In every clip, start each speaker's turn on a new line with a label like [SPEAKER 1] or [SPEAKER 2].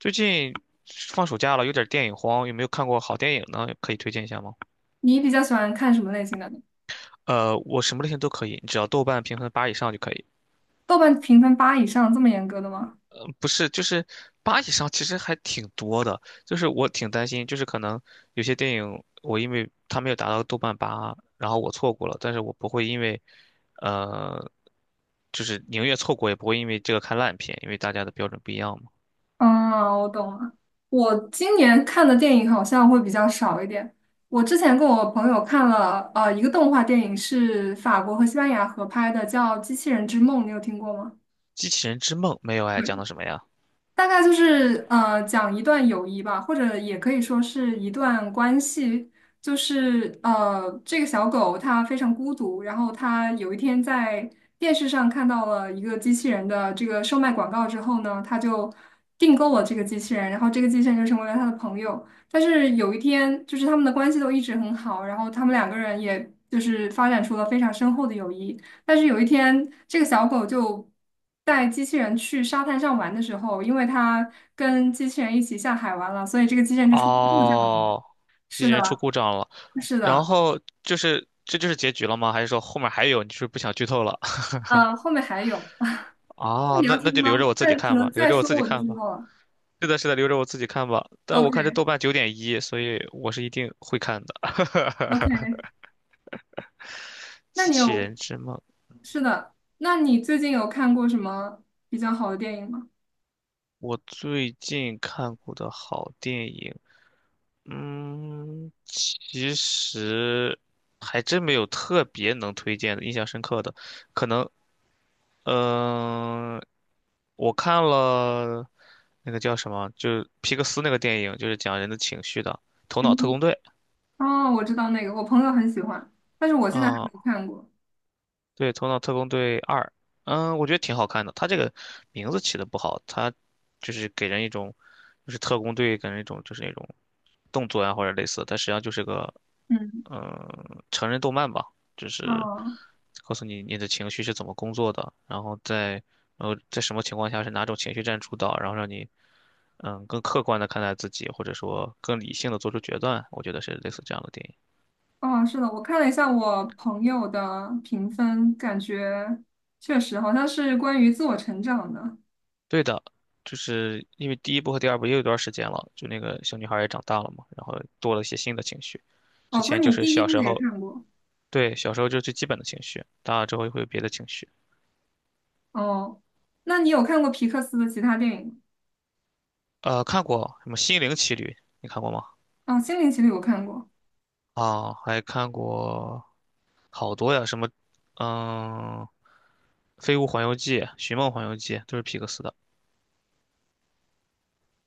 [SPEAKER 1] 最近放暑假了，有点电影荒，有没有看过好电影呢？可以推荐一下吗？
[SPEAKER 2] 你比较喜欢看什么类型的呢？
[SPEAKER 1] 我什么类型都可以，只要豆瓣评分八以上就可以。
[SPEAKER 2] 豆瓣评分八以上这么严格的吗？
[SPEAKER 1] 不是，就是八以上，其实还挺多的。就是我挺担心，就是可能有些电影我因为它没有达到豆瓣八，然后我错过了，但是我不会因为，呃，就是宁愿错过也不会因为这个看烂片，因为大家的标准不一样嘛。
[SPEAKER 2] 啊，我懂了。我今年看的电影好像会比较少一点。我之前跟我朋友看了一个动画电影，是法国和西班牙合拍的，叫《机器人之梦》，你有听过吗？
[SPEAKER 1] 机器人之梦没有哎，讲的什么呀？
[SPEAKER 2] 大概就是讲一段友谊吧，或者也可以说是一段关系。就是这个小狗它非常孤独，然后它有一天在电视上看到了一个机器人的这个售卖广告之后呢，它就订购了这个机器人，然后这个机器人就成为了它的朋友。但是有一天，就是他们的关系都一直很好，然后他们两个人也就是发展出了非常深厚的友谊。但是有一天，这个小狗就带机器人去沙滩上玩的时候，因为它跟机器人一起下海玩了，所以这个机器人就出
[SPEAKER 1] 哦，机
[SPEAKER 2] 是
[SPEAKER 1] 器人出
[SPEAKER 2] 的，
[SPEAKER 1] 故障了，
[SPEAKER 2] 是
[SPEAKER 1] 然
[SPEAKER 2] 的，
[SPEAKER 1] 后就是这就是结局了吗？还是说后面还有？你是不是不想剧透了？
[SPEAKER 2] 后面还有，那
[SPEAKER 1] 哦，
[SPEAKER 2] 你
[SPEAKER 1] 那
[SPEAKER 2] 要
[SPEAKER 1] 那
[SPEAKER 2] 听
[SPEAKER 1] 就留着
[SPEAKER 2] 吗？
[SPEAKER 1] 我自己
[SPEAKER 2] 再可
[SPEAKER 1] 看
[SPEAKER 2] 能
[SPEAKER 1] 吧，留
[SPEAKER 2] 再
[SPEAKER 1] 着我
[SPEAKER 2] 说
[SPEAKER 1] 自己
[SPEAKER 2] 我就
[SPEAKER 1] 看
[SPEAKER 2] 知
[SPEAKER 1] 吧。
[SPEAKER 2] 道了。
[SPEAKER 1] 是的，是的，留着我自己看吧。但我看这
[SPEAKER 2] OK，OK，
[SPEAKER 1] 豆瓣九点一，所以我是一定会看的。
[SPEAKER 2] 那
[SPEAKER 1] 《机
[SPEAKER 2] 你
[SPEAKER 1] 器人
[SPEAKER 2] 有，
[SPEAKER 1] 之梦》。
[SPEAKER 2] 是的，那你最近有看过什么比较好的电影吗？
[SPEAKER 1] 我最近看过的好电影，嗯，其实还真没有特别能推荐的、印象深刻的，可能。嗯、我看了那个叫什么，就是皮克斯那个电影，就是讲人的情绪的《头脑特
[SPEAKER 2] 嗯，
[SPEAKER 1] 工队》。
[SPEAKER 2] 哦，我知道那个，我朋友很喜欢，但是我现在还没
[SPEAKER 1] 啊、
[SPEAKER 2] 有看过。
[SPEAKER 1] 对，《头脑特工队二》，嗯，我觉得挺好看的。它这个名字起的不好，它就是给人一种，就是特工队，给人一种就是那种动作呀或者类似，但实际上就是个
[SPEAKER 2] 嗯，
[SPEAKER 1] 成人动漫吧，就是
[SPEAKER 2] 哦。
[SPEAKER 1] 告诉你你的情绪是怎么工作的，然后在在什么情况下是哪种情绪占主导，然后让你更客观的看待自己，或者说更理性的做出决断，我觉得是类似这样的电影。
[SPEAKER 2] 哦，是的，我看了一下我朋友的评分，感觉确实好像是关于自我成长的。
[SPEAKER 1] 对的，就是因为第一部和第二部也有一段时间了，就那个小女孩也长大了嘛，然后多了一些新的情绪。
[SPEAKER 2] 哦，
[SPEAKER 1] 之
[SPEAKER 2] 所以
[SPEAKER 1] 前就
[SPEAKER 2] 你
[SPEAKER 1] 是
[SPEAKER 2] 第一
[SPEAKER 1] 小
[SPEAKER 2] 部
[SPEAKER 1] 时
[SPEAKER 2] 也
[SPEAKER 1] 候，
[SPEAKER 2] 看过。
[SPEAKER 1] 对，小时候就是最基本的情绪，大了之后又会有别的情绪。
[SPEAKER 2] 哦，那你有看过皮克斯的其他电影
[SPEAKER 1] 看过什么《心灵奇旅》，你看过吗？
[SPEAKER 2] 吗？哦，《心灵奇旅》我看过，
[SPEAKER 1] 啊，还看过好多呀，什么，嗯，《飞屋环游记》《寻梦环游记》都是皮克斯的。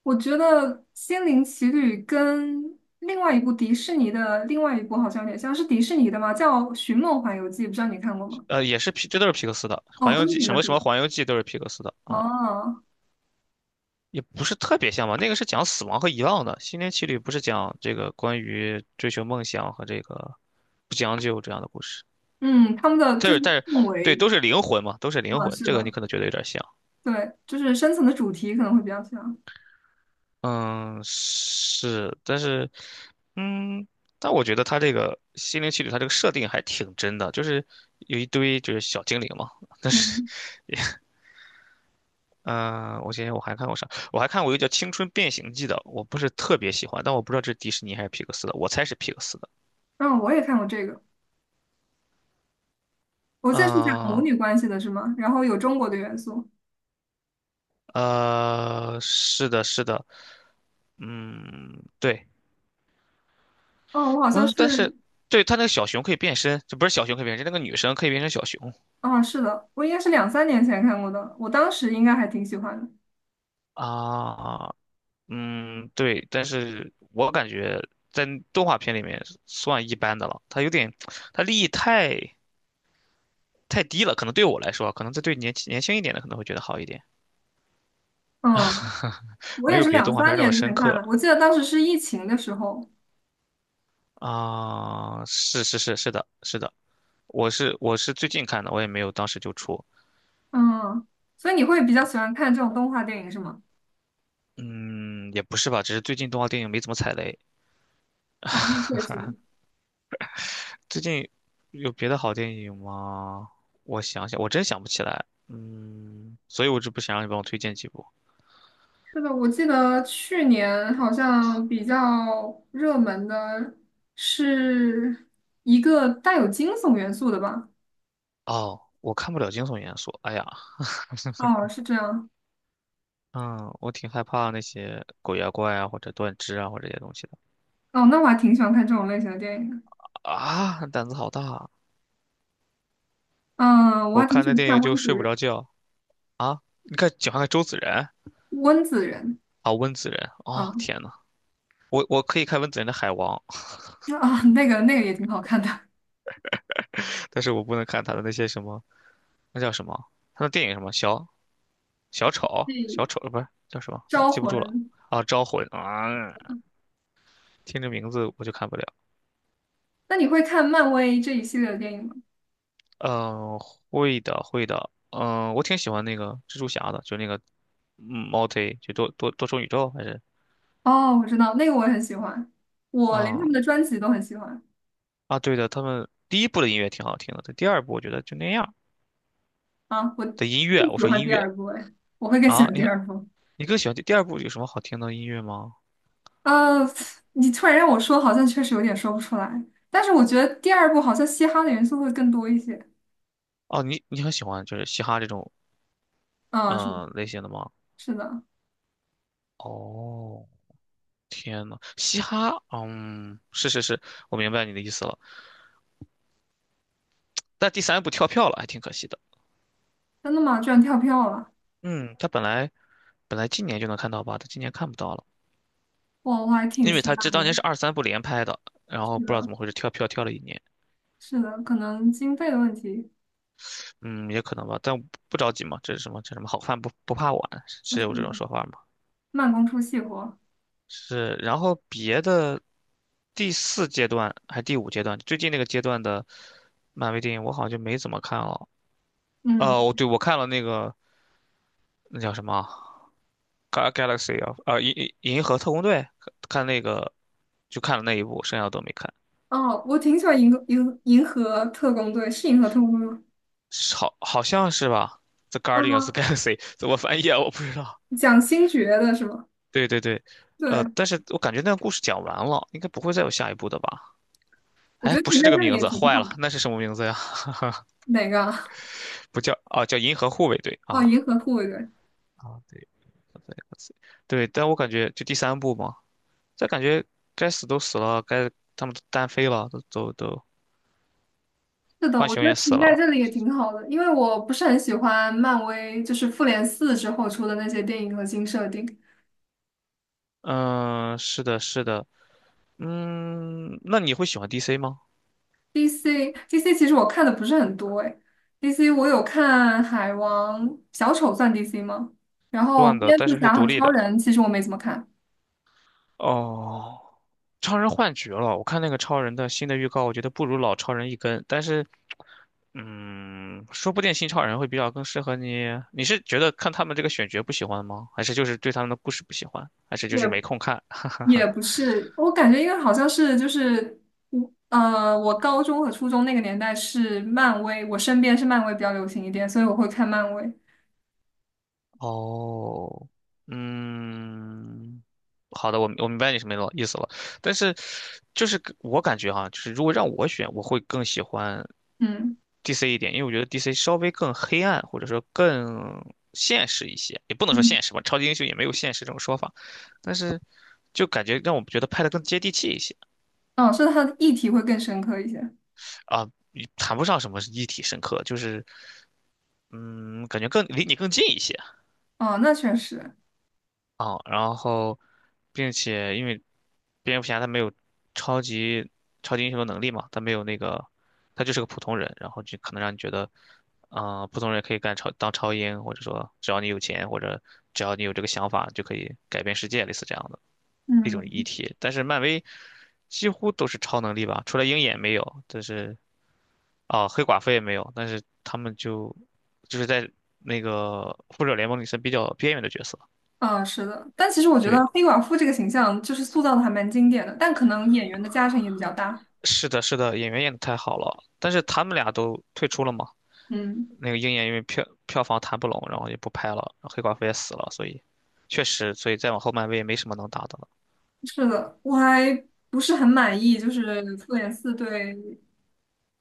[SPEAKER 2] 我觉得《心灵奇旅》跟另外一部迪士尼的另外一部好像有点像，是迪士尼的吗？叫《寻梦环游记》，不知道你看过吗？
[SPEAKER 1] 也是皮，这都是皮克斯的，
[SPEAKER 2] 哦，
[SPEAKER 1] 《环游
[SPEAKER 2] 都是
[SPEAKER 1] 记》
[SPEAKER 2] 皮
[SPEAKER 1] 什
[SPEAKER 2] 克
[SPEAKER 1] 么
[SPEAKER 2] 斯
[SPEAKER 1] 什
[SPEAKER 2] 的。
[SPEAKER 1] 么《环游记》都是皮克斯的啊，
[SPEAKER 2] 哦，
[SPEAKER 1] 也不是特别像吧。那个是讲死亡和遗忘的，《心灵奇旅》不是讲这个关于追求梦想和这个不将就这样的故事。
[SPEAKER 2] 嗯，他们的
[SPEAKER 1] 但
[SPEAKER 2] 就是
[SPEAKER 1] 是但是，
[SPEAKER 2] 氛
[SPEAKER 1] 对，
[SPEAKER 2] 围，
[SPEAKER 1] 都是灵魂嘛，都是灵
[SPEAKER 2] 啊，
[SPEAKER 1] 魂，
[SPEAKER 2] 是
[SPEAKER 1] 这个你
[SPEAKER 2] 的，
[SPEAKER 1] 可能觉得有点像。
[SPEAKER 2] 对，就是深层的主题可能会比较像。
[SPEAKER 1] 嗯，是，但是，嗯，但我觉得它这个心灵奇旅，它这个设定还挺真的，就是有一堆就是小精灵嘛。但是，
[SPEAKER 2] 嗯，
[SPEAKER 1] 嗯、我想想我还看过啥？我还看过一个叫《青春变形记》的，我不是特别喜欢，但我不知道这是迪士尼还是皮克斯的，我猜是皮克斯的。
[SPEAKER 2] 嗯，我也看过这个。我记得是讲母
[SPEAKER 1] 嗯、
[SPEAKER 2] 女关系的，是吗？然后有中国的元素。
[SPEAKER 1] 是的，是的，嗯，对，
[SPEAKER 2] 哦，我好像
[SPEAKER 1] 嗯，但
[SPEAKER 2] 是，
[SPEAKER 1] 是对它那个小熊可以变身，这不是小熊可以变身，那个女生可以变成小熊
[SPEAKER 2] 哦，是的，我应该是两三年前看过的，我当时应该还挺喜欢的。
[SPEAKER 1] 啊。嗯，对，但是我感觉在动画片里面算一般的了，它有点，它利益太太低了，可能对我来说，可能这对年轻一点的可能会觉得好一点。
[SPEAKER 2] 嗯，我
[SPEAKER 1] 没
[SPEAKER 2] 也
[SPEAKER 1] 有
[SPEAKER 2] 是
[SPEAKER 1] 别的
[SPEAKER 2] 两
[SPEAKER 1] 动画
[SPEAKER 2] 三
[SPEAKER 1] 片那么
[SPEAKER 2] 年之
[SPEAKER 1] 深
[SPEAKER 2] 前看
[SPEAKER 1] 刻
[SPEAKER 2] 的，我记得当时是疫情的时候。
[SPEAKER 1] 啊。是的，是的，我是最近看的，我也没有当时就出。
[SPEAKER 2] 嗯，所以你会比较喜欢看这种动画电影是吗？
[SPEAKER 1] 嗯，也不是吧，只是最近动画电影没怎么踩雷。
[SPEAKER 2] 哦，那确实。
[SPEAKER 1] 最近有别的好电影吗？我想想，我真想不起来，嗯，所以我就不想让你帮我推荐几部。
[SPEAKER 2] 是的，我记得去年好像比较热门的是一个带有惊悚元素的吧？
[SPEAKER 1] 哦，我看不了惊悚元素。哎呀，
[SPEAKER 2] 哦，是这样。
[SPEAKER 1] 嗯，我挺害怕那些鬼啊怪啊，或者断肢啊，或者这些东西的。
[SPEAKER 2] 哦，那我还挺喜欢看这种类型的电影的。
[SPEAKER 1] 啊，胆子好大啊。
[SPEAKER 2] 嗯，我
[SPEAKER 1] 我
[SPEAKER 2] 还挺
[SPEAKER 1] 看
[SPEAKER 2] 喜
[SPEAKER 1] 那
[SPEAKER 2] 欢
[SPEAKER 1] 电影
[SPEAKER 2] 看
[SPEAKER 1] 就
[SPEAKER 2] 温子
[SPEAKER 1] 睡不
[SPEAKER 2] 仁，
[SPEAKER 1] 着觉啊。你看，喜欢看周子仁
[SPEAKER 2] 温子仁，
[SPEAKER 1] 啊，温子仁啊，
[SPEAKER 2] 嗯
[SPEAKER 1] 天呐，我可以看温子仁的《海王》，
[SPEAKER 2] 啊，那个那个也挺好看的，
[SPEAKER 1] 但是我不能看他的那些什么，那叫什么？他的电影什么？小丑，小
[SPEAKER 2] 对，
[SPEAKER 1] 丑不是叫什么？我、
[SPEAKER 2] 招
[SPEAKER 1] 记不住了。
[SPEAKER 2] 魂。
[SPEAKER 1] 啊，招魂啊，听这名字我就看不了。
[SPEAKER 2] 那你会看漫威这一系列的电影吗？
[SPEAKER 1] 嗯，会的，会的。嗯，我挺喜欢那个蜘蛛侠的，就那个multi 就多多重宇宙还是
[SPEAKER 2] 哦，我知道，那个我也很喜欢，我连
[SPEAKER 1] 啊
[SPEAKER 2] 他们
[SPEAKER 1] 嗯
[SPEAKER 2] 的专辑都很喜欢
[SPEAKER 1] 啊，对的，他们第一部的音乐挺好听的，但第二部我觉得就那样
[SPEAKER 2] 啊，我
[SPEAKER 1] 的音乐，
[SPEAKER 2] 更
[SPEAKER 1] 我
[SPEAKER 2] 喜
[SPEAKER 1] 说
[SPEAKER 2] 欢
[SPEAKER 1] 音
[SPEAKER 2] 第
[SPEAKER 1] 乐
[SPEAKER 2] 二部，哎，我会更喜
[SPEAKER 1] 啊，
[SPEAKER 2] 欢第
[SPEAKER 1] 你
[SPEAKER 2] 二部。
[SPEAKER 1] 你更喜欢第二部有什么好听的音乐吗？
[SPEAKER 2] 呃，你突然让我说，好像确实有点说不出来，但是我觉得第二部好像嘻哈的元素会更多一些。
[SPEAKER 1] 哦，你你很喜欢就是嘻哈这种
[SPEAKER 2] 啊，是
[SPEAKER 1] 类型的吗？
[SPEAKER 2] 是的，
[SPEAKER 1] 哦，天呐，嘻哈，嗯，我明白你的意思了。但第三部跳票了，还挺可惜的。
[SPEAKER 2] 真的吗？居然跳票了。
[SPEAKER 1] 嗯，他本来本来今年就能看到吧，他今年看不到了，
[SPEAKER 2] 我还挺
[SPEAKER 1] 因为
[SPEAKER 2] 期
[SPEAKER 1] 他这
[SPEAKER 2] 待
[SPEAKER 1] 当年
[SPEAKER 2] 的。
[SPEAKER 1] 是二三部连拍的，然
[SPEAKER 2] 是
[SPEAKER 1] 后不知道
[SPEAKER 2] 的，
[SPEAKER 1] 怎么回事跳票跳了一年。
[SPEAKER 2] 是的，可能经费的问题，
[SPEAKER 1] 嗯，也可能吧，但不着急嘛。这是什么？这什么好饭不怕晚，是
[SPEAKER 2] 是
[SPEAKER 1] 有这种
[SPEAKER 2] 的
[SPEAKER 1] 说法吗？
[SPEAKER 2] 慢工出细活。
[SPEAKER 1] 是。然后别的第四阶段还是第五阶段，最近那个阶段的漫威电影我好像就没怎么看了。哦，
[SPEAKER 2] 嗯，
[SPEAKER 1] 我看了那个那叫什么啊《Ga- Galaxy o》 啊，银河特工队，看那个就看了那一部，剩下的都没看。
[SPEAKER 2] 哦，我挺喜欢银河特工队，是银河特工队吗？
[SPEAKER 1] 是，好好像是吧，《The Guardians of the
[SPEAKER 2] 啊、
[SPEAKER 1] Galaxy》怎么翻译啊？我不知道。
[SPEAKER 2] 讲星爵的是吗？
[SPEAKER 1] 对对对。
[SPEAKER 2] 对，
[SPEAKER 1] 但是我感觉那个故事讲完了，应该不会再有下一部的吧？
[SPEAKER 2] 我觉
[SPEAKER 1] 哎，
[SPEAKER 2] 得
[SPEAKER 1] 不
[SPEAKER 2] 停
[SPEAKER 1] 是
[SPEAKER 2] 在
[SPEAKER 1] 这个
[SPEAKER 2] 这里
[SPEAKER 1] 名
[SPEAKER 2] 也
[SPEAKER 1] 字，
[SPEAKER 2] 挺
[SPEAKER 1] 坏
[SPEAKER 2] 好。
[SPEAKER 1] 了，那是什么名字呀？
[SPEAKER 2] 哪个啊
[SPEAKER 1] 不叫啊，叫银河护卫队
[SPEAKER 2] 哦，
[SPEAKER 1] 啊。
[SPEAKER 2] 银河护卫队。
[SPEAKER 1] 啊，对，但我感觉就第三部嘛，这感觉该死都死了，该他们都单飞了，都都都
[SPEAKER 2] 是的，
[SPEAKER 1] 浣
[SPEAKER 2] 我觉
[SPEAKER 1] 熊
[SPEAKER 2] 得
[SPEAKER 1] 也死
[SPEAKER 2] 停在
[SPEAKER 1] 了。
[SPEAKER 2] 这里也挺好的，因为我不是很喜欢漫威，就是复联四之后出的那些电影和新设定，
[SPEAKER 1] 嗯，是的，是的，嗯，那你会喜欢 DC 吗？
[SPEAKER 2] DC 其实我看的不是很多哎，DC 我有看海王、小丑算 DC 吗？然后
[SPEAKER 1] 算的，
[SPEAKER 2] 蝙
[SPEAKER 1] 但
[SPEAKER 2] 蝠
[SPEAKER 1] 是是
[SPEAKER 2] 侠
[SPEAKER 1] 独
[SPEAKER 2] 和
[SPEAKER 1] 立
[SPEAKER 2] 超
[SPEAKER 1] 的。
[SPEAKER 2] 人其实我没怎么看，
[SPEAKER 1] 哦，超人换角了。我看那个超人的新的预告，我觉得不如老超人一根。但是，嗯，说不定新超人会比较更适合你。你是觉得看他们这个选角不喜欢吗？还是就是对他们的故事不喜欢？还是就是没
[SPEAKER 2] 也
[SPEAKER 1] 空看？
[SPEAKER 2] 也不是，我感觉因为好像是就是我高中和初中那个年代是漫威，我身边是漫威比较流行一点，所以我会看漫威。
[SPEAKER 1] 哦，嗯，好的，我明白你什么意思了。但是，就是我感觉哈，就是如果让我选，我会更喜欢
[SPEAKER 2] 嗯
[SPEAKER 1] DC 一点，因为我觉得 DC 稍微更黑暗，或者说更现实一些，也不能说
[SPEAKER 2] 嗯，
[SPEAKER 1] 现实吧，超级英雄也没有现实这种说法，但是就感觉让我们觉得拍的更接地气一些。
[SPEAKER 2] 哦，是它的议题会更深刻一些。
[SPEAKER 1] 啊，也谈不上什么立体深刻，就是嗯，感觉更离你更近一些。
[SPEAKER 2] 哦，那确实，
[SPEAKER 1] 哦，然后，并且因为蝙蝠侠他没有超级超级英雄的能力嘛，他没有那个，他就是个普通人，然后就可能让你觉得，啊、普通人可以干超当超英，或者说只要你有钱，或者只要你有这个想法，就可以改变世界，类似这样的一种议
[SPEAKER 2] 嗯。
[SPEAKER 1] 题。但是漫威几乎都是超能力吧，除了鹰眼没有，但是黑寡妇也没有，但是他们就是在那个复仇者联盟里算比较边缘的角色。
[SPEAKER 2] 啊，是的，但其实我觉
[SPEAKER 1] 对。
[SPEAKER 2] 得黑寡妇这个形象就是塑造的还蛮经典的，但可能演员的加成也比较大。
[SPEAKER 1] 是的，是的，演员演的太好了，但是他们俩都退出了嘛。
[SPEAKER 2] 嗯，
[SPEAKER 1] 那个鹰眼因为票房谈不拢，然后也不拍了，然后黑寡妇也死了，所以确实，所以再往后漫威也没什么能打的了。
[SPEAKER 2] 是的，我还不是很满意，就是复联四对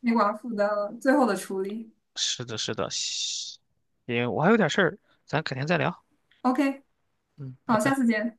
[SPEAKER 2] 黑寡妇的最后的处理。
[SPEAKER 1] 是的，是的，西因为我还有点事儿，咱改天再聊。
[SPEAKER 2] OK，
[SPEAKER 1] 嗯，拜
[SPEAKER 2] 好，下
[SPEAKER 1] 拜。
[SPEAKER 2] 次见。